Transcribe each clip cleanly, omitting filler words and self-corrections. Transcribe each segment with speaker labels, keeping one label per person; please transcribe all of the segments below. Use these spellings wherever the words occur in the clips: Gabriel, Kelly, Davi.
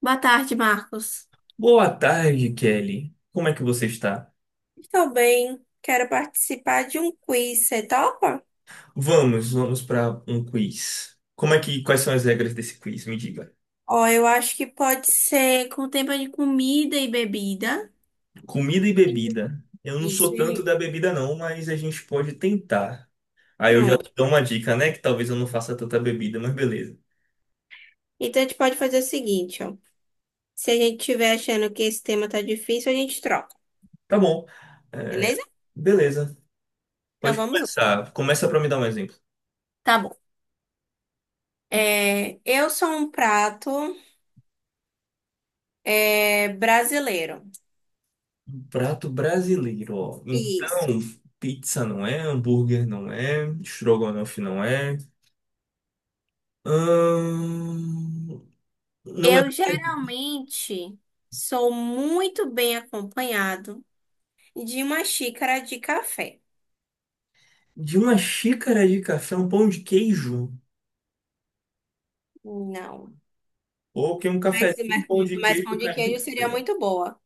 Speaker 1: Boa tarde, Marcos.
Speaker 2: Boa tarde, Kelly. Como é que você está?
Speaker 1: Estou bem, quero participar de um quiz, você topa?
Speaker 2: Vamos, vamos para um quiz. Quais são as regras desse quiz? Me diga.
Speaker 1: Ó, eu acho que pode ser com tema de comida e bebida.
Speaker 2: Comida e bebida. Eu não sou
Speaker 1: Isso,
Speaker 2: tanto da bebida não, mas a gente pode tentar. Aí eu já
Speaker 1: pronto.
Speaker 2: te dou uma dica, né? Que talvez eu não faça tanta bebida, mas beleza.
Speaker 1: Então a gente pode fazer o seguinte, ó. Se a gente estiver achando que esse tema tá difícil, a gente troca,
Speaker 2: Tá bom. É,
Speaker 1: beleza?
Speaker 2: beleza.
Speaker 1: Então
Speaker 2: Pode
Speaker 1: vamos lá.
Speaker 2: começar. Começa para me dar um exemplo.
Speaker 1: Tá bom. É, eu sou um prato é, brasileiro.
Speaker 2: Prato brasileiro, ó.
Speaker 1: Isso.
Speaker 2: Então, pizza não é, hambúrguer não é, estrogonofe não é. Ahn, Não é
Speaker 1: Eu geralmente sou muito bem acompanhado. De uma xícara de café.
Speaker 2: de uma xícara de café, um pão de queijo.
Speaker 1: Não.
Speaker 2: Ou que um
Speaker 1: Mas,
Speaker 2: cafezinho com
Speaker 1: mas,
Speaker 2: pão de
Speaker 1: mas
Speaker 2: queijo
Speaker 1: pão de
Speaker 2: cai
Speaker 1: queijo
Speaker 2: muito
Speaker 1: seria
Speaker 2: bem.
Speaker 1: muito boa.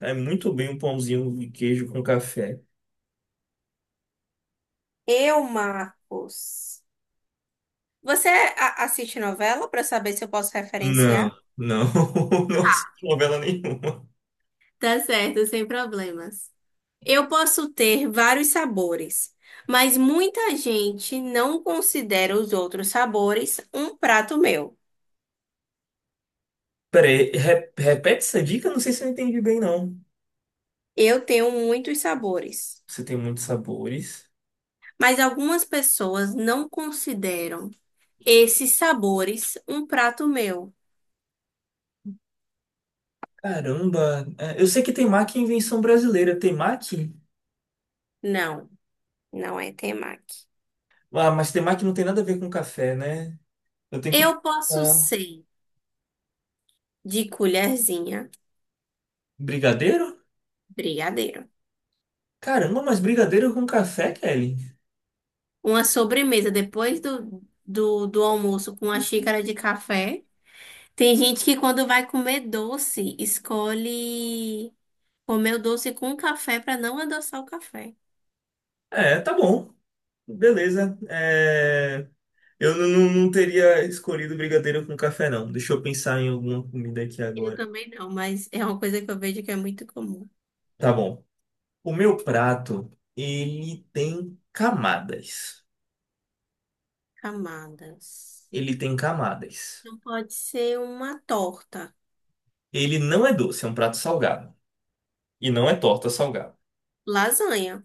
Speaker 2: Cai muito bem um pãozinho de queijo com café.
Speaker 1: Eu, Marcos. Você assiste novela para saber se eu posso
Speaker 2: Não,
Speaker 1: referenciar?
Speaker 2: não, não
Speaker 1: Tá,
Speaker 2: assisti novela nenhuma.
Speaker 1: tá certo, sem problemas. Eu posso ter vários sabores, mas muita gente não considera os outros sabores um prato meu.
Speaker 2: Peraí, repete essa dica? Não sei se eu entendi bem, não.
Speaker 1: Eu tenho muitos sabores,
Speaker 2: Você tem muitos sabores.
Speaker 1: mas algumas pessoas não consideram esses sabores um prato meu.
Speaker 2: Caramba, é, eu sei que temaki é invenção brasileira. Temaki?
Speaker 1: Não, não é temaki.
Speaker 2: Ah, mas temaki não tem nada a ver com café, né? Eu tenho que...
Speaker 1: Eu posso
Speaker 2: Ah,
Speaker 1: ser de colherzinha,
Speaker 2: brigadeiro?
Speaker 1: brigadeiro.
Speaker 2: Caramba, mas brigadeiro com café, Kelly?
Speaker 1: Uma sobremesa depois do almoço com uma xícara de café. Tem gente que quando vai comer doce, escolhe comer o doce com café para não adoçar o café.
Speaker 2: É, tá bom. Beleza. É, eu não, não teria escolhido brigadeiro com café, não. Deixa eu pensar em alguma comida aqui
Speaker 1: Eu
Speaker 2: agora.
Speaker 1: também não, mas é uma coisa que eu vejo que é muito comum.
Speaker 2: Tá bom. O meu prato, ele tem camadas.
Speaker 1: Camadas.
Speaker 2: Ele tem camadas.
Speaker 1: Não pode ser uma torta.
Speaker 2: Ele não é doce, é um prato salgado. E não é torta salgada.
Speaker 1: Lasanha.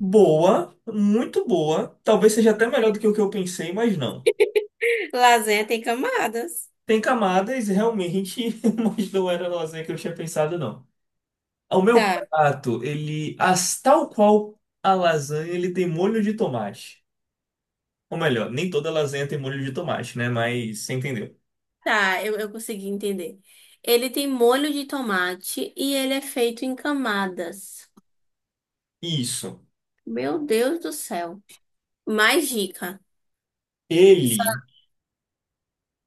Speaker 2: Boa, muito boa. Talvez seja até melhor do que o que eu pensei, mas não.
Speaker 1: Lasanha tem camadas.
Speaker 2: Tem camadas, realmente, mas não era a lasanha que eu tinha pensado, não. O meu
Speaker 1: Tá.
Speaker 2: prato, tal qual a lasanha, ele tem molho de tomate. Ou melhor, nem toda lasanha tem molho de tomate, né? Mas você entendeu.
Speaker 1: Tá, eu consegui entender. Ele tem molho de tomate e ele é feito em camadas.
Speaker 2: Isso.
Speaker 1: Meu Deus do céu. Mais dica.
Speaker 2: Ele,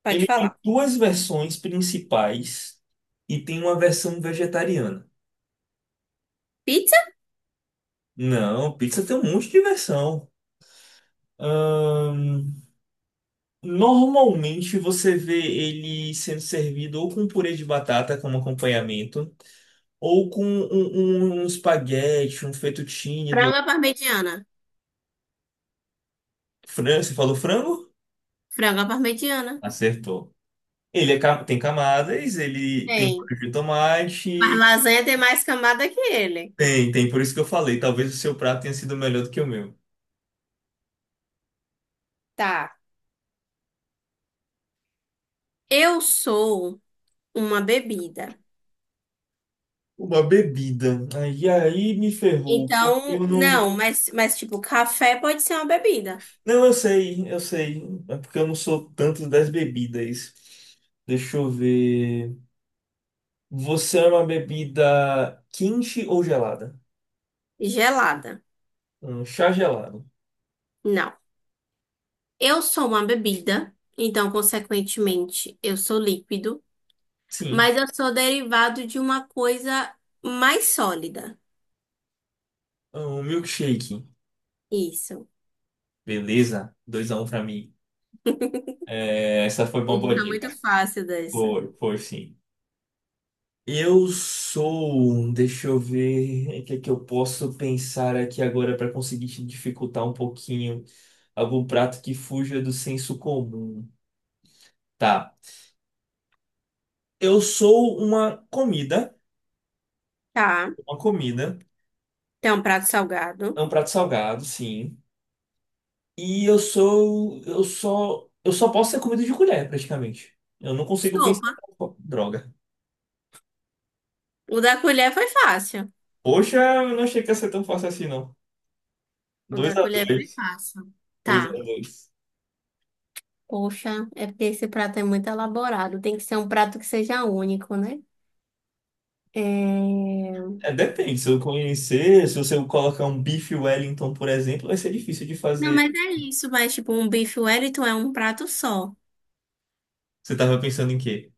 Speaker 1: Pode
Speaker 2: ele tem
Speaker 1: falar.
Speaker 2: duas versões principais e tem uma versão vegetariana.
Speaker 1: Pizza?
Speaker 2: Não, pizza tem um monte de versão. Ahn, normalmente você vê ele sendo servido ou com purê de batata como acompanhamento, ou com um espaguete, um fettuccine do
Speaker 1: Frango à parmegiana.
Speaker 2: Você falou frango?
Speaker 1: Frango à parmegiana.
Speaker 2: Acertou. Ele é tem camadas, ele tem
Speaker 1: Tem.
Speaker 2: molho de
Speaker 1: Mas
Speaker 2: tomate.
Speaker 1: lasanha tem mais camada que ele.
Speaker 2: Tem, tem, por isso que eu falei. Talvez o seu prato tenha sido melhor do que o meu.
Speaker 1: Tá. Eu sou uma bebida.
Speaker 2: Uma bebida. Aí me ferrou, porque eu
Speaker 1: Então,
Speaker 2: não.
Speaker 1: não, mas tipo, café pode ser uma bebida.
Speaker 2: Não, eu sei, eu sei. É porque eu não sou tanto das bebidas. Deixa eu ver. Você é uma bebida quente ou gelada?
Speaker 1: Gelada.
Speaker 2: Um chá gelado.
Speaker 1: Não. Eu sou uma bebida. Então, consequentemente, eu sou líquido.
Speaker 2: Sim.
Speaker 1: Mas eu sou derivado de uma coisa mais sólida.
Speaker 2: Um milkshake.
Speaker 1: Isso.
Speaker 2: Beleza. 2 a 1 pra mim. É, essa foi uma
Speaker 1: Ele
Speaker 2: boa
Speaker 1: tá
Speaker 2: dica.
Speaker 1: muito fácil dessa.
Speaker 2: Foi, foi sim. Eu sou, deixa eu ver o que é que eu posso pensar aqui agora para conseguir te dificultar um pouquinho algum prato que fuja do senso comum. Tá. Eu sou uma comida,
Speaker 1: Tá.
Speaker 2: uma comida,
Speaker 1: Tem um prato
Speaker 2: é
Speaker 1: salgado.
Speaker 2: um prato salgado, sim. E eu só posso ser comida de colher, praticamente. Eu não consigo
Speaker 1: Sopa.
Speaker 2: pensar, droga.
Speaker 1: O da colher foi fácil.
Speaker 2: Poxa, eu não achei que ia ser tão fácil assim, não.
Speaker 1: O
Speaker 2: 2
Speaker 1: da
Speaker 2: a
Speaker 1: colher foi
Speaker 2: 2
Speaker 1: fácil.
Speaker 2: 2
Speaker 1: Tá.
Speaker 2: a 2
Speaker 1: Poxa, é porque esse prato é muito elaborado. Tem que ser um prato que seja único, né? É...
Speaker 2: É, depende, se eu conhecer, se você colocar um bife Wellington, por exemplo, vai ser difícil de
Speaker 1: Não,
Speaker 2: fazer.
Speaker 1: mas é isso. Mas, tipo, um bife Wellington é um prato só.
Speaker 2: Você tava pensando em quê?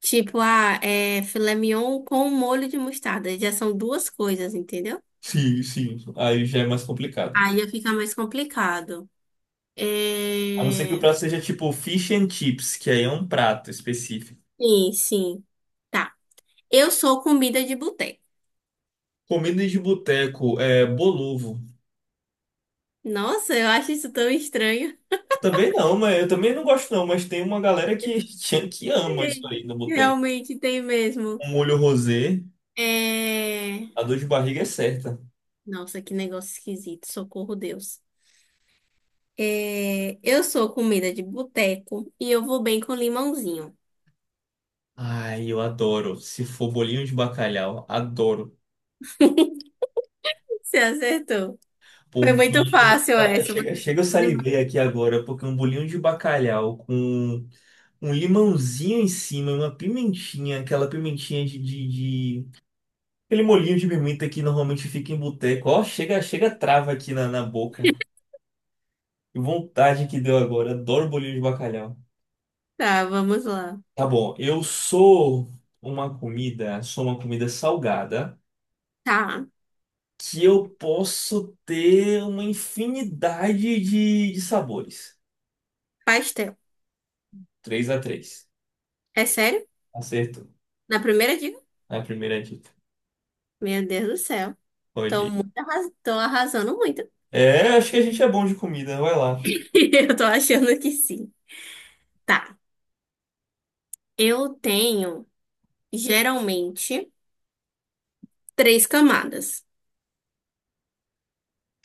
Speaker 1: Tipo, ah, é filé mignon com molho de mostarda. Já são duas coisas, entendeu?
Speaker 2: Sim, sim, aí já é mais complicado.
Speaker 1: Aí fica mais complicado.
Speaker 2: A não ser que o
Speaker 1: É...
Speaker 2: prato seja tipo fish and chips, que aí é um prato específico.
Speaker 1: Sim, sim. Tá. Eu sou comida de boteco.
Speaker 2: Comida de boteco, é bolovo.
Speaker 1: Nossa, eu acho isso tão estranho.
Speaker 2: Também não, mas eu também não gosto não, mas tem uma galera que, que ama isso
Speaker 1: Sim,
Speaker 2: aí no boteco.
Speaker 1: realmente tem mesmo.
Speaker 2: Um molho rosé,
Speaker 1: É...
Speaker 2: a dor de barriga é certa.
Speaker 1: Nossa, que negócio esquisito. Socorro, Deus. É... Eu sou comida de boteco e eu vou bem com limãozinho.
Speaker 2: Ai, eu adoro. Se for bolinho de bacalhau, adoro.
Speaker 1: Você acertou. Foi muito fácil essa.
Speaker 2: Chega, chega, eu salivei aqui agora, porque um bolinho de bacalhau com um limãozinho em cima, uma pimentinha, aquela pimentinha de- aquele molhinho de pimenta que normalmente fica em boteco. Ó, chega, chega, trava aqui na boca. Que vontade que deu agora. Adoro bolinho de bacalhau.
Speaker 1: Tá, vamos lá.
Speaker 2: Tá bom, eu sou uma comida salgada,
Speaker 1: Tá.
Speaker 2: que eu posso ter uma infinidade de sabores.
Speaker 1: Pastel.
Speaker 2: 3 a 3,
Speaker 1: É sério?
Speaker 2: acertou.
Speaker 1: Na primeira dica?
Speaker 2: A primeira dica.
Speaker 1: Meu Deus do céu.
Speaker 2: Pode ir.
Speaker 1: Tô arrasando muito.
Speaker 2: É, acho que a gente é bom de comida, vai lá.
Speaker 1: Eu tô achando que sim. Tá. Eu tenho, geralmente, três camadas.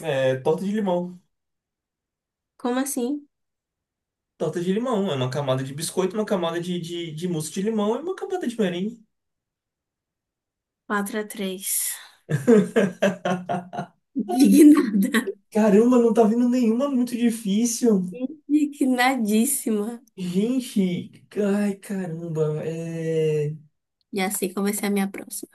Speaker 2: É, torta de limão.
Speaker 1: Como assim?
Speaker 2: Torta de limão, é uma camada de biscoito, uma camada de mousse de limão e uma camada de merengue.
Speaker 1: Quatro a 3. Indignada.
Speaker 2: Caramba, não tá vindo nenhuma muito difícil.
Speaker 1: Indignadíssima.
Speaker 2: Gente, ai caramba, é...
Speaker 1: E assim comecei a minha próxima.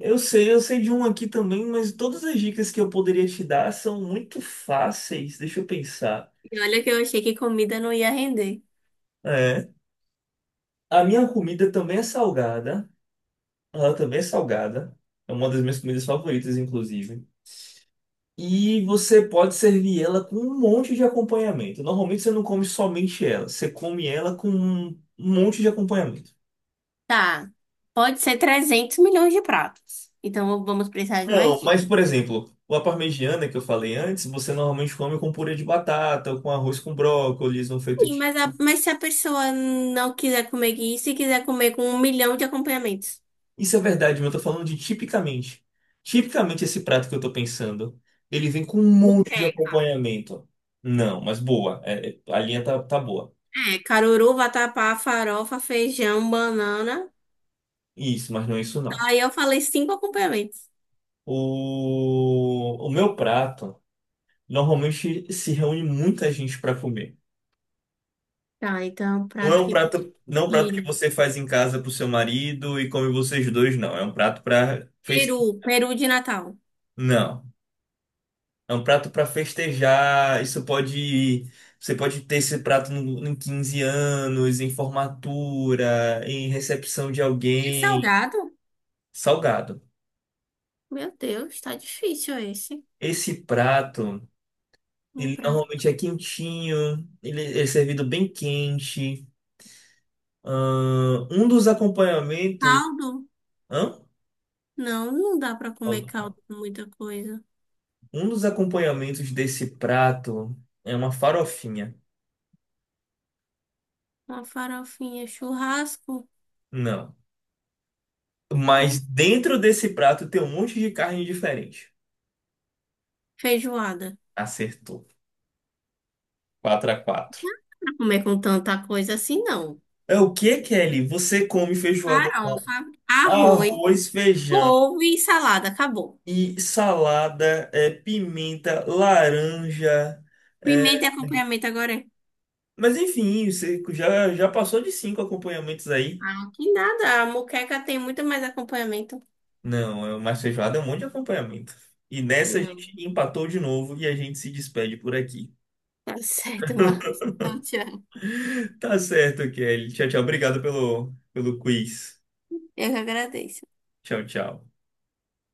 Speaker 2: Eu sei de um aqui também, mas todas as dicas que eu poderia te dar são muito fáceis. Deixa eu pensar.
Speaker 1: E olha que eu achei que comida não ia render.
Speaker 2: É, a minha comida também é salgada. Ela também é salgada. É uma das minhas comidas favoritas, inclusive. E você pode servir ela com um monte de acompanhamento. Normalmente você não come somente ela, você come ela com um monte de acompanhamento.
Speaker 1: Tá. Pode ser trezentos milhões de pratos. Então vamos precisar de mais
Speaker 2: Não,
Speaker 1: dicas.
Speaker 2: mas por exemplo, a parmegiana que eu falei antes, você normalmente come com purê de batata, ou com arroz com brócolis, um feito
Speaker 1: Sim,
Speaker 2: de...
Speaker 1: mas, mas se a pessoa não quiser comer isso e quiser comer com um milhão de acompanhamentos?
Speaker 2: Isso é verdade, mas eu tô falando de tipicamente. Tipicamente esse prato que eu tô pensando, ele vem com um
Speaker 1: Não.
Speaker 2: monte de acompanhamento. Não, mas boa, a linha tá boa.
Speaker 1: É, caruru, vatapá, farofa, feijão, banana.
Speaker 2: Isso, mas não é isso não.
Speaker 1: Aí eu falei cinco acompanhamentos.
Speaker 2: O meu prato. Normalmente se reúne muita gente para comer.
Speaker 1: Tá, então prato que
Speaker 2: Não é um prato que
Speaker 1: compartilha.
Speaker 2: você faz em casa pro seu marido e come vocês dois, não. É um prato para festejar.
Speaker 1: Peru, peru de Natal.
Speaker 2: Não. É um prato para festejar. Isso pode. Você pode ter esse prato em 15 anos, em formatura, em recepção de
Speaker 1: É
Speaker 2: alguém.
Speaker 1: salgado?
Speaker 2: Salgado.
Speaker 1: Meu Deus, tá difícil esse.
Speaker 2: Esse prato,
Speaker 1: Um
Speaker 2: ele
Speaker 1: prato.
Speaker 2: normalmente é quentinho, ele é servido bem quente. Um dos acompanhamentos.
Speaker 1: Caldo?
Speaker 2: Hã?
Speaker 1: Não, não dá pra comer caldo com muita coisa.
Speaker 2: Um dos acompanhamentos desse prato é uma farofinha.
Speaker 1: Uma farofinha, churrasco,
Speaker 2: Não.
Speaker 1: né?
Speaker 2: Mas dentro desse prato tem um monte de carne diferente.
Speaker 1: Feijoada.
Speaker 2: Acertou. 4 a 4.
Speaker 1: Não dá pra comer com tanta coisa assim, não.
Speaker 2: É o que, Kelly? Você come feijoada,
Speaker 1: Farofa, arroz,
Speaker 2: arroz, feijão
Speaker 1: couve e salada. Acabou.
Speaker 2: e salada, é, pimenta, laranja.
Speaker 1: Pimenta
Speaker 2: É,
Speaker 1: e acompanhamento agora é.
Speaker 2: mas enfim, você já passou de 5 acompanhamentos aí.
Speaker 1: Ah, que nada. A moqueca tem muito mais acompanhamento.
Speaker 2: Não, mas feijoada é um monte de acompanhamento. E nessa a
Speaker 1: Não.
Speaker 2: gente empatou de novo e a gente se despede por aqui.
Speaker 1: Tá certo, Marcos. Então, tchau.
Speaker 2: Tá certo, Kelly. Tchau, tchau. Obrigado pelo quiz.
Speaker 1: Eu que agradeço.
Speaker 2: Tchau, tchau.